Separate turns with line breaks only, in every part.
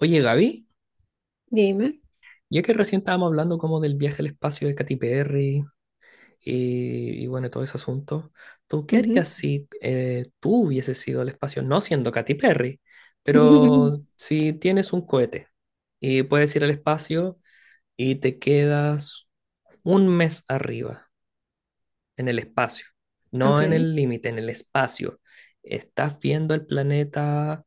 Oye, Gaby,
Dime.
ya que recién estábamos hablando como del viaje al espacio de Katy Perry y bueno, todo ese asunto, ¿tú qué
Ujú.
harías si tú hubieses ido al espacio, no siendo Katy Perry, pero si tienes un cohete y puedes ir al espacio y te quedas un mes arriba, en el espacio,
Ok,
no en el límite, en el espacio, estás viendo el planeta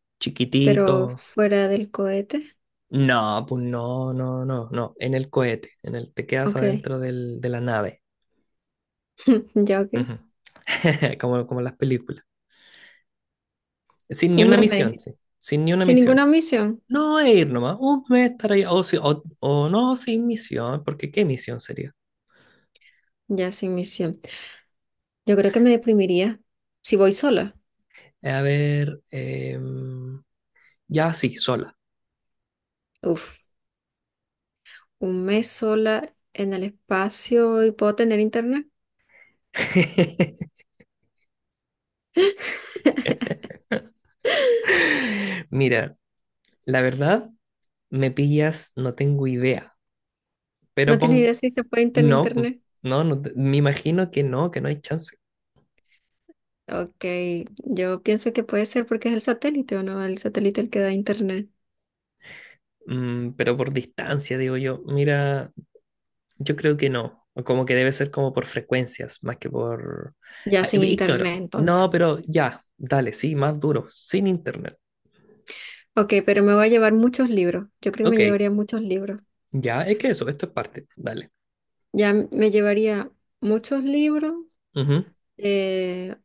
pero
chiquitito.
fuera del cohete.
No, pues no, no, no, no. En el cohete, en el te quedas
Ok,
adentro de la nave.
ya ok.
Ujú. Como las películas. Sin ni
Un
una
meme.
misión,
Dijiste.
sí. Sin ni una
Sin
misión.
ninguna misión.
No es ir nomás. Un mes estar ahí. O, si- o no, sin misión, porque ¿qué misión sería?
Ya sin misión. Yo creo que me deprimiría si voy sola.
A ver, ya sí, sola.
Uf, un mes sola en el espacio y puedo tener internet.
Mira, la verdad, me pillas, no tengo idea. Pero
No tienes
pon,
idea si se puede tener
no,
internet.
no, no, me imagino que no hay chance.
Ok, yo pienso que puede ser porque es el satélite o no, el satélite el que da internet.
Mm, pero por distancia, digo yo. Mira, yo creo que no. o como que debe ser como por frecuencias, más que por...
Ya
Ah,
sin
ignoro.
internet entonces.
No, pero ya, dale, sí, más duro, sin internet.
Ok, pero me voy a llevar muchos libros. Yo creo que
Ok,
me llevaría muchos libros.
ya, es que eso, esto es parte, dale.
Ya me llevaría muchos libros,
Ujú.
eh,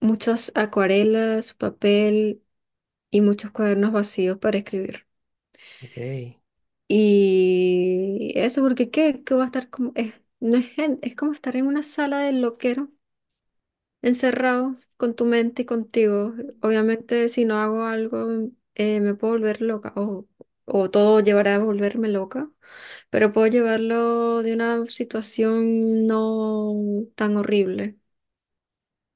muchas acuarelas, papel y muchos cuadernos vacíos para escribir.
Ok.
Y eso, porque ¿qué? ¿Qué va a estar como? Es, no es, gen- Es como estar en una sala de loquero, encerrado con tu mente y contigo. Obviamente, si no hago algo, me puedo volver loca o todo llevará a volverme loca, pero puedo llevarlo de una situación no tan horrible.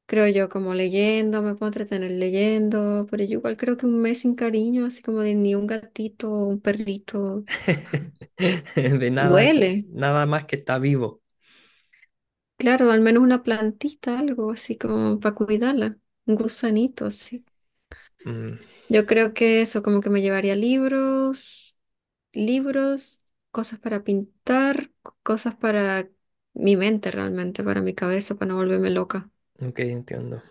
Creo yo, como leyendo, me puedo entretener leyendo, pero yo igual creo que un mes sin cariño, así como de ni un gatito o un perrito,
De nada,
duele.
nada más que está vivo.
Claro, al menos una plantita, algo así como para cuidarla, un gusanito así.
Mm,
Yo creo que eso, como que me llevaría libros, libros, cosas para pintar, cosas para mi mente realmente, para mi cabeza, para no volverme loca.
ok, entiendo.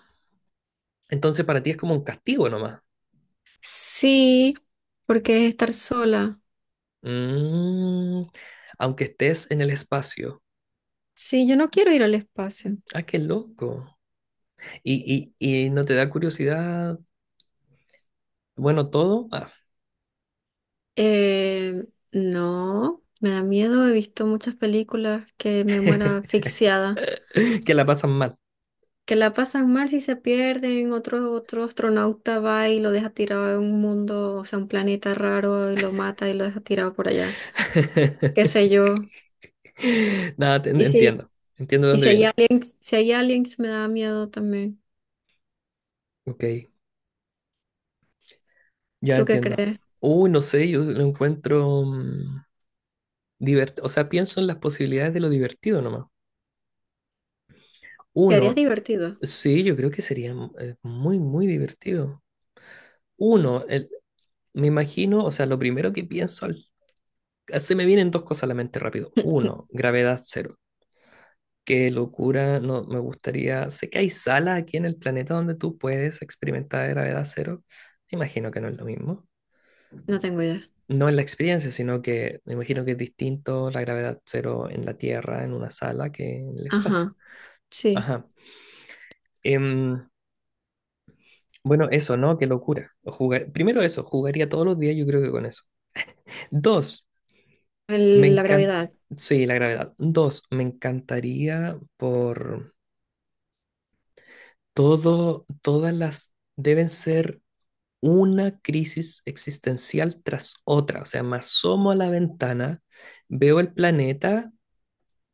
Entonces para ti es como un castigo nomás.
Sí, porque es estar sola.
Mm, aunque estés en el espacio.
Sí, yo no quiero ir al espacio.
Ah, qué loco. ¿Y no te da curiosidad, bueno, todo? Ah,
Eh, no, me da miedo. He visto muchas películas que me muera asfixiada,
que la pasan mal.
que la pasan mal si se pierden. Otro astronauta va y lo deja tirado en un mundo, o sea, un planeta raro y lo mata y lo deja tirado por allá. Qué sé yo.
Nada,
Y si,
entiendo. Entiendo de
y
dónde
si hay
viene.
aliens, si hay aliens me da miedo también.
Ok, ya
¿Tú qué
entiendo.
crees?
Uy, no sé, yo lo encuentro divertido. O sea, pienso en las posibilidades de lo divertido nomás.
¿Qué harías
Uno,
divertido?
sí, yo creo que sería muy, muy divertido. Uno, me imagino, o sea, lo primero que pienso, se me vienen dos cosas a la mente rápido. Uno, gravedad cero. Qué locura, no, me gustaría. Sé que hay salas aquí en el planeta donde tú puedes experimentar gravedad cero. Me imagino que no es lo mismo.
No tengo idea.
No en la experiencia, sino que me imagino que es distinto la gravedad cero en la Tierra, en una sala, que en el espacio.
Ajá, sí.
Ajá. Em, bueno, eso, ¿no? Qué locura. Primero eso, jugaría todos los días, yo creo que con eso. Dos, me
La
encanta.
gravedad,
Sí, la gravedad. Dos, me encantaría por todo, todas las deben ser una crisis existencial tras otra. O sea, me asomo a la ventana, veo el planeta,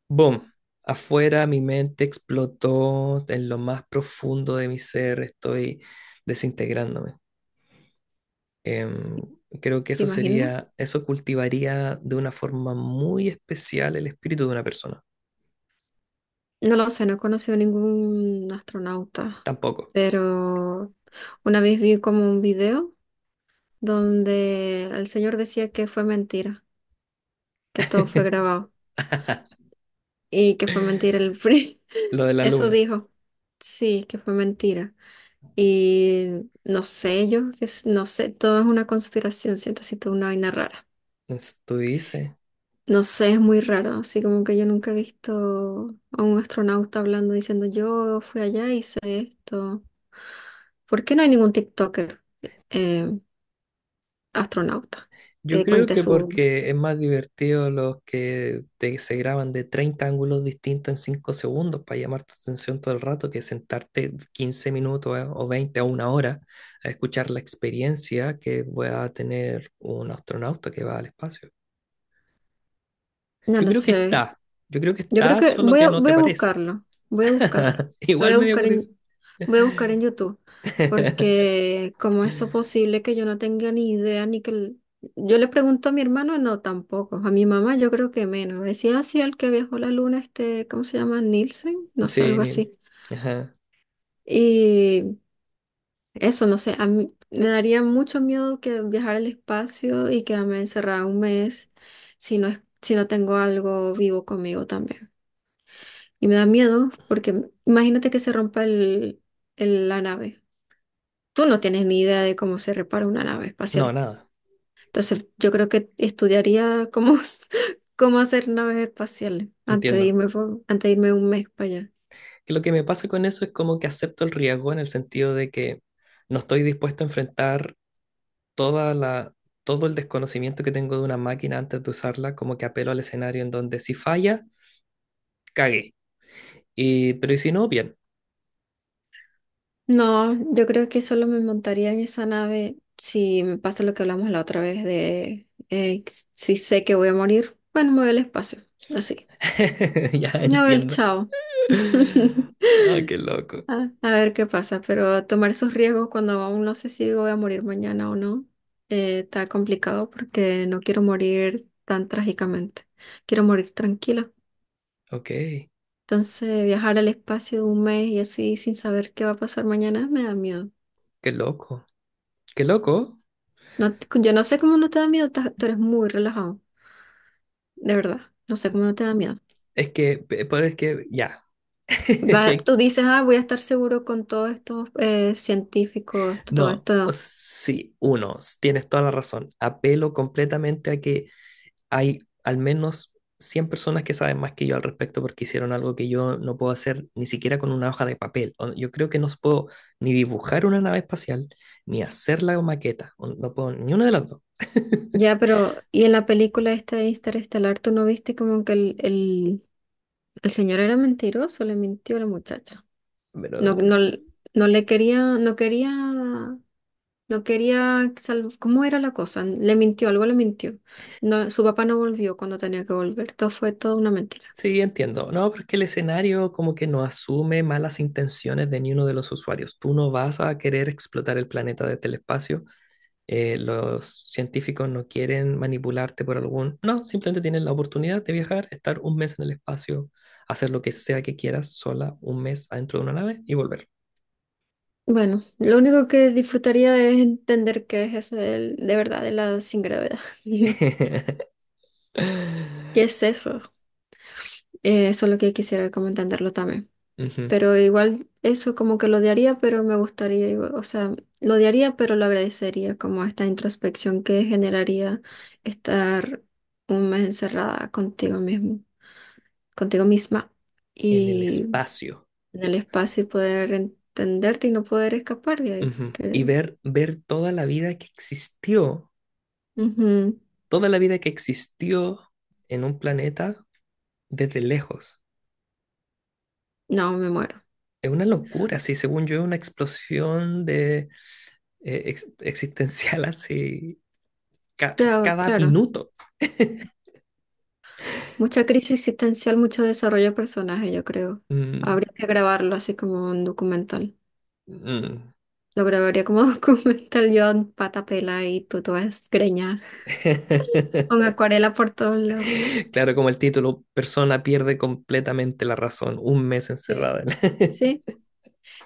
¡boom! Afuera mi mente explotó en lo más profundo de mi ser, estoy desintegrándome. Em, creo que
¿te
eso
imaginas?
sería, eso cultivaría de una forma muy especial el espíritu de una persona.
No lo sé, no he conocido ningún astronauta,
Tampoco.
pero una vez vi como un video donde el señor decía que fue mentira, que todo fue grabado y que fue mentira el free.
Lo de la
Eso
luna.
dijo. Sí, que fue mentira. Y no sé, yo que s- no sé, todo es una conspiración, siento así toda una vaina rara.
Tú dices.
No sé, es muy raro, así como que yo nunca he visto a un astronauta hablando diciendo yo fui allá y hice esto. ¿Por qué no hay ningún TikToker eh, astronauta
Yo
que
creo
cuente
que
su...
porque es más divertido los que se graban de 30 ángulos distintos en 5 segundos para llamar tu atención todo el rato que sentarte 15 minutos o 20 o una hora a escuchar la experiencia que va a tener un astronauta que va al espacio.
No
Yo
lo
creo que
sé.
está, yo creo que
Yo creo
está,
que
solo que no
voy
te
a
parece.
buscarlo. Voy a buscarlo. Lo voy
Igual
a
medio
buscar
curioso.
en, Voy a buscar en YouTube. Porque ¿cómo es eso posible que yo no tenga ni idea ni que... Yo le pregunto a mi hermano, no, tampoco. A mi mamá yo creo que menos. Decía así el que viajó a la luna, este, ¿cómo se llama? Nielsen, no sé,
Sí,
algo
Neil.
así.
Ajá.
Y eso, no sé, a mí me daría mucho miedo que viajar al espacio y quedarme encerrada un mes si no es, si no tengo algo vivo conmigo también. Y me da miedo porque imagínate que se rompa la nave. Tú no tienes ni idea de cómo se repara una nave
No,
espacial.
nada,
Entonces, yo creo que estudiaría cómo, cómo hacer naves espaciales
entiendo.
antes de irme un mes para allá.
Que lo que me pasa con eso es como que acepto el riesgo en el sentido de que no estoy dispuesto a enfrentar toda la, todo el desconocimiento que tengo de una máquina antes de usarla, como que apelo al escenario en donde si falla, cagué. Y, pero y si no, bien.
No, yo creo que solo me montaría en esa nave si me pasa lo que hablamos la otra vez de si sé que voy a morir. Bueno, me voy al espacio, así.
Ya
Me voy al
entiendo.
chao.
Ah, qué loco.
A ver qué pasa, pero tomar esos riesgos cuando aún no sé si voy a morir mañana o no, está complicado porque no quiero morir tan trágicamente. Quiero morir tranquila.
Ok,
Entonces, viajar al espacio un mes y así sin saber qué va a pasar mañana me da miedo.
qué loco. Qué loco.
No, yo no sé cómo no te da miedo, tú eres muy relajado, de verdad. No sé cómo no te da miedo.
Es que, pero es que, ya.
Tú dices, ah, voy a estar seguro con todos estos científicos, todo
No,
esto.
sí, uno, tienes toda la razón. Apelo completamente a que hay al menos 100 personas que saben más que yo al respecto porque hicieron algo que yo no puedo hacer ni siquiera con una hoja de papel. O, yo creo que no puedo ni dibujar una nave espacial, ni hacer la maqueta. O no puedo ni una de las dos.
Ya, pero, ¿y en la película esta de Interestelar, tú no viste como que el señor era mentiroso, le mintió a la muchacha? No,
Pero
no, no le quería, no quería, no quería, sal- ¿cómo era la cosa? Le mintió, algo le mintió. No, su papá no volvió cuando tenía que volver, todo fue toda una mentira.
sí, entiendo. No, pero es que el escenario como que no asume malas intenciones de ni uno de los usuarios. Tú no vas a querer explotar el planeta desde el espacio, los científicos no quieren manipularte por algún... No, simplemente tienen la oportunidad de viajar, estar un mes en el espacio, hacer lo que sea que quieras sola, un mes adentro de una nave y volver.
Bueno, lo único que disfrutaría es entender qué es eso verdad de la sin gravedad. ¿Qué es eso? Eso es lo que quisiera como entenderlo también.
Ujú.
Pero igual eso como que lo odiaría, pero me gustaría, o sea, lo odiaría, pero lo agradecería como esta introspección que generaría estar un mes encerrada contigo mismo, contigo misma
En el
y
espacio.
en el espacio y poder entenderte y no poder escapar de ahí,
Ujú.
porque
Y ver, ver toda la vida que existió,
ujú,
toda la vida que existió en un planeta desde lejos.
no, me muero.
Es una locura, sí, según yo, una explosión de, existencial así ca-
Claro,
cada
claro.
minuto.
Mucha crisis existencial, mucho desarrollo de personaje, yo creo.
Mm.
Habría que grabarlo así como un documental.
Mm.
Lo grabaría como documental yo en pata pela y tú toda desgreñada, con acuarela por todos lados.
Claro, como el título, persona pierde completamente la razón, un mes
Sí.
encerrada.
Sí,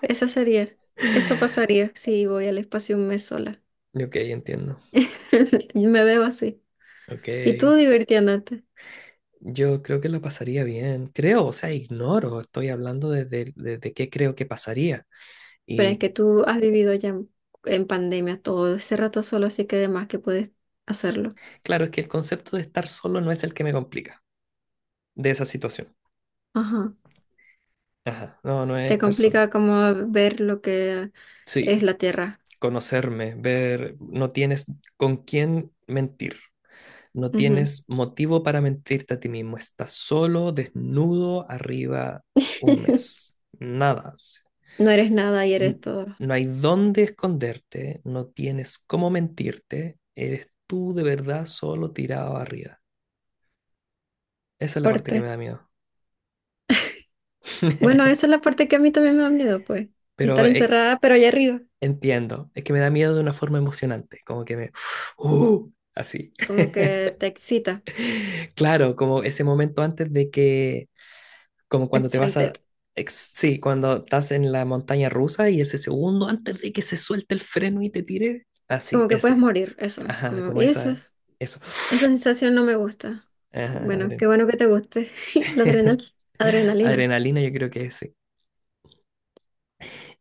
eso sería. Eso pasaría si voy al espacio un mes sola.
Ok, entiendo.
Y me veo así.
Ok.
Y tú divirtiéndote.
Yo creo que la pasaría bien. Creo, o sea, ignoro, estoy hablando desde, desde qué creo que pasaría.
Pero es
Y
que tú has vivido ya en pandemia todo ese rato solo, así que además que puedes hacerlo.
claro, es que el concepto de estar solo no es el que me complica de esa situación.
Ajá.
Ajá, no, no es
Te
estar solo.
complica como ver lo que
Sí,
es la Tierra.
conocerme, ver, no tienes con quién mentir. No
Ujú.
tienes motivo para mentirte a ti mismo. Estás solo, desnudo, arriba un mes. Nada.
No eres nada y eres todo.
No hay dónde esconderte, no tienes cómo mentirte. Eres tú de verdad solo tirado arriba. Esa es la parte que
Fuerte.
me da miedo.
Bueno, esa es la parte que a mí también me da miedo, pues. Y
Pero
estar encerrada, pero allá arriba.
entiendo, es que me da miedo de una forma emocionante, como que me... ¡uh! Así.
Como que te excita.
Claro, como ese momento antes de que... Como cuando te vas a...
Excited.
sí, cuando estás en la montaña rusa y ese segundo antes de que se suelte el freno y te tire. Así,
Como que puedes
ese.
morir, eso.
Ajá,
Como,
como
y eso,
esa... Eso.
esa sensación no me gusta.
Ajá,
Bueno, qué bueno que te guste. La adrenal, adrenalina.
adrenalina, yo creo que ese.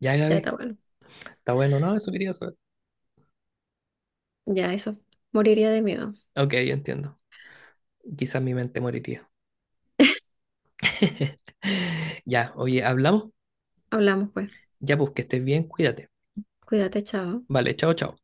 Ya,
Ya
Gaby.
está bueno.
Está bueno, no, eso quería saber.
Ya eso. Moriría de miedo.
Ok, entiendo. Quizás mi mente moriría. Ya, oye, hablamos.
Hablamos, pues.
Ya, pues que estés bien, cuídate.
Cuídate, chao.
Vale, chao, chao.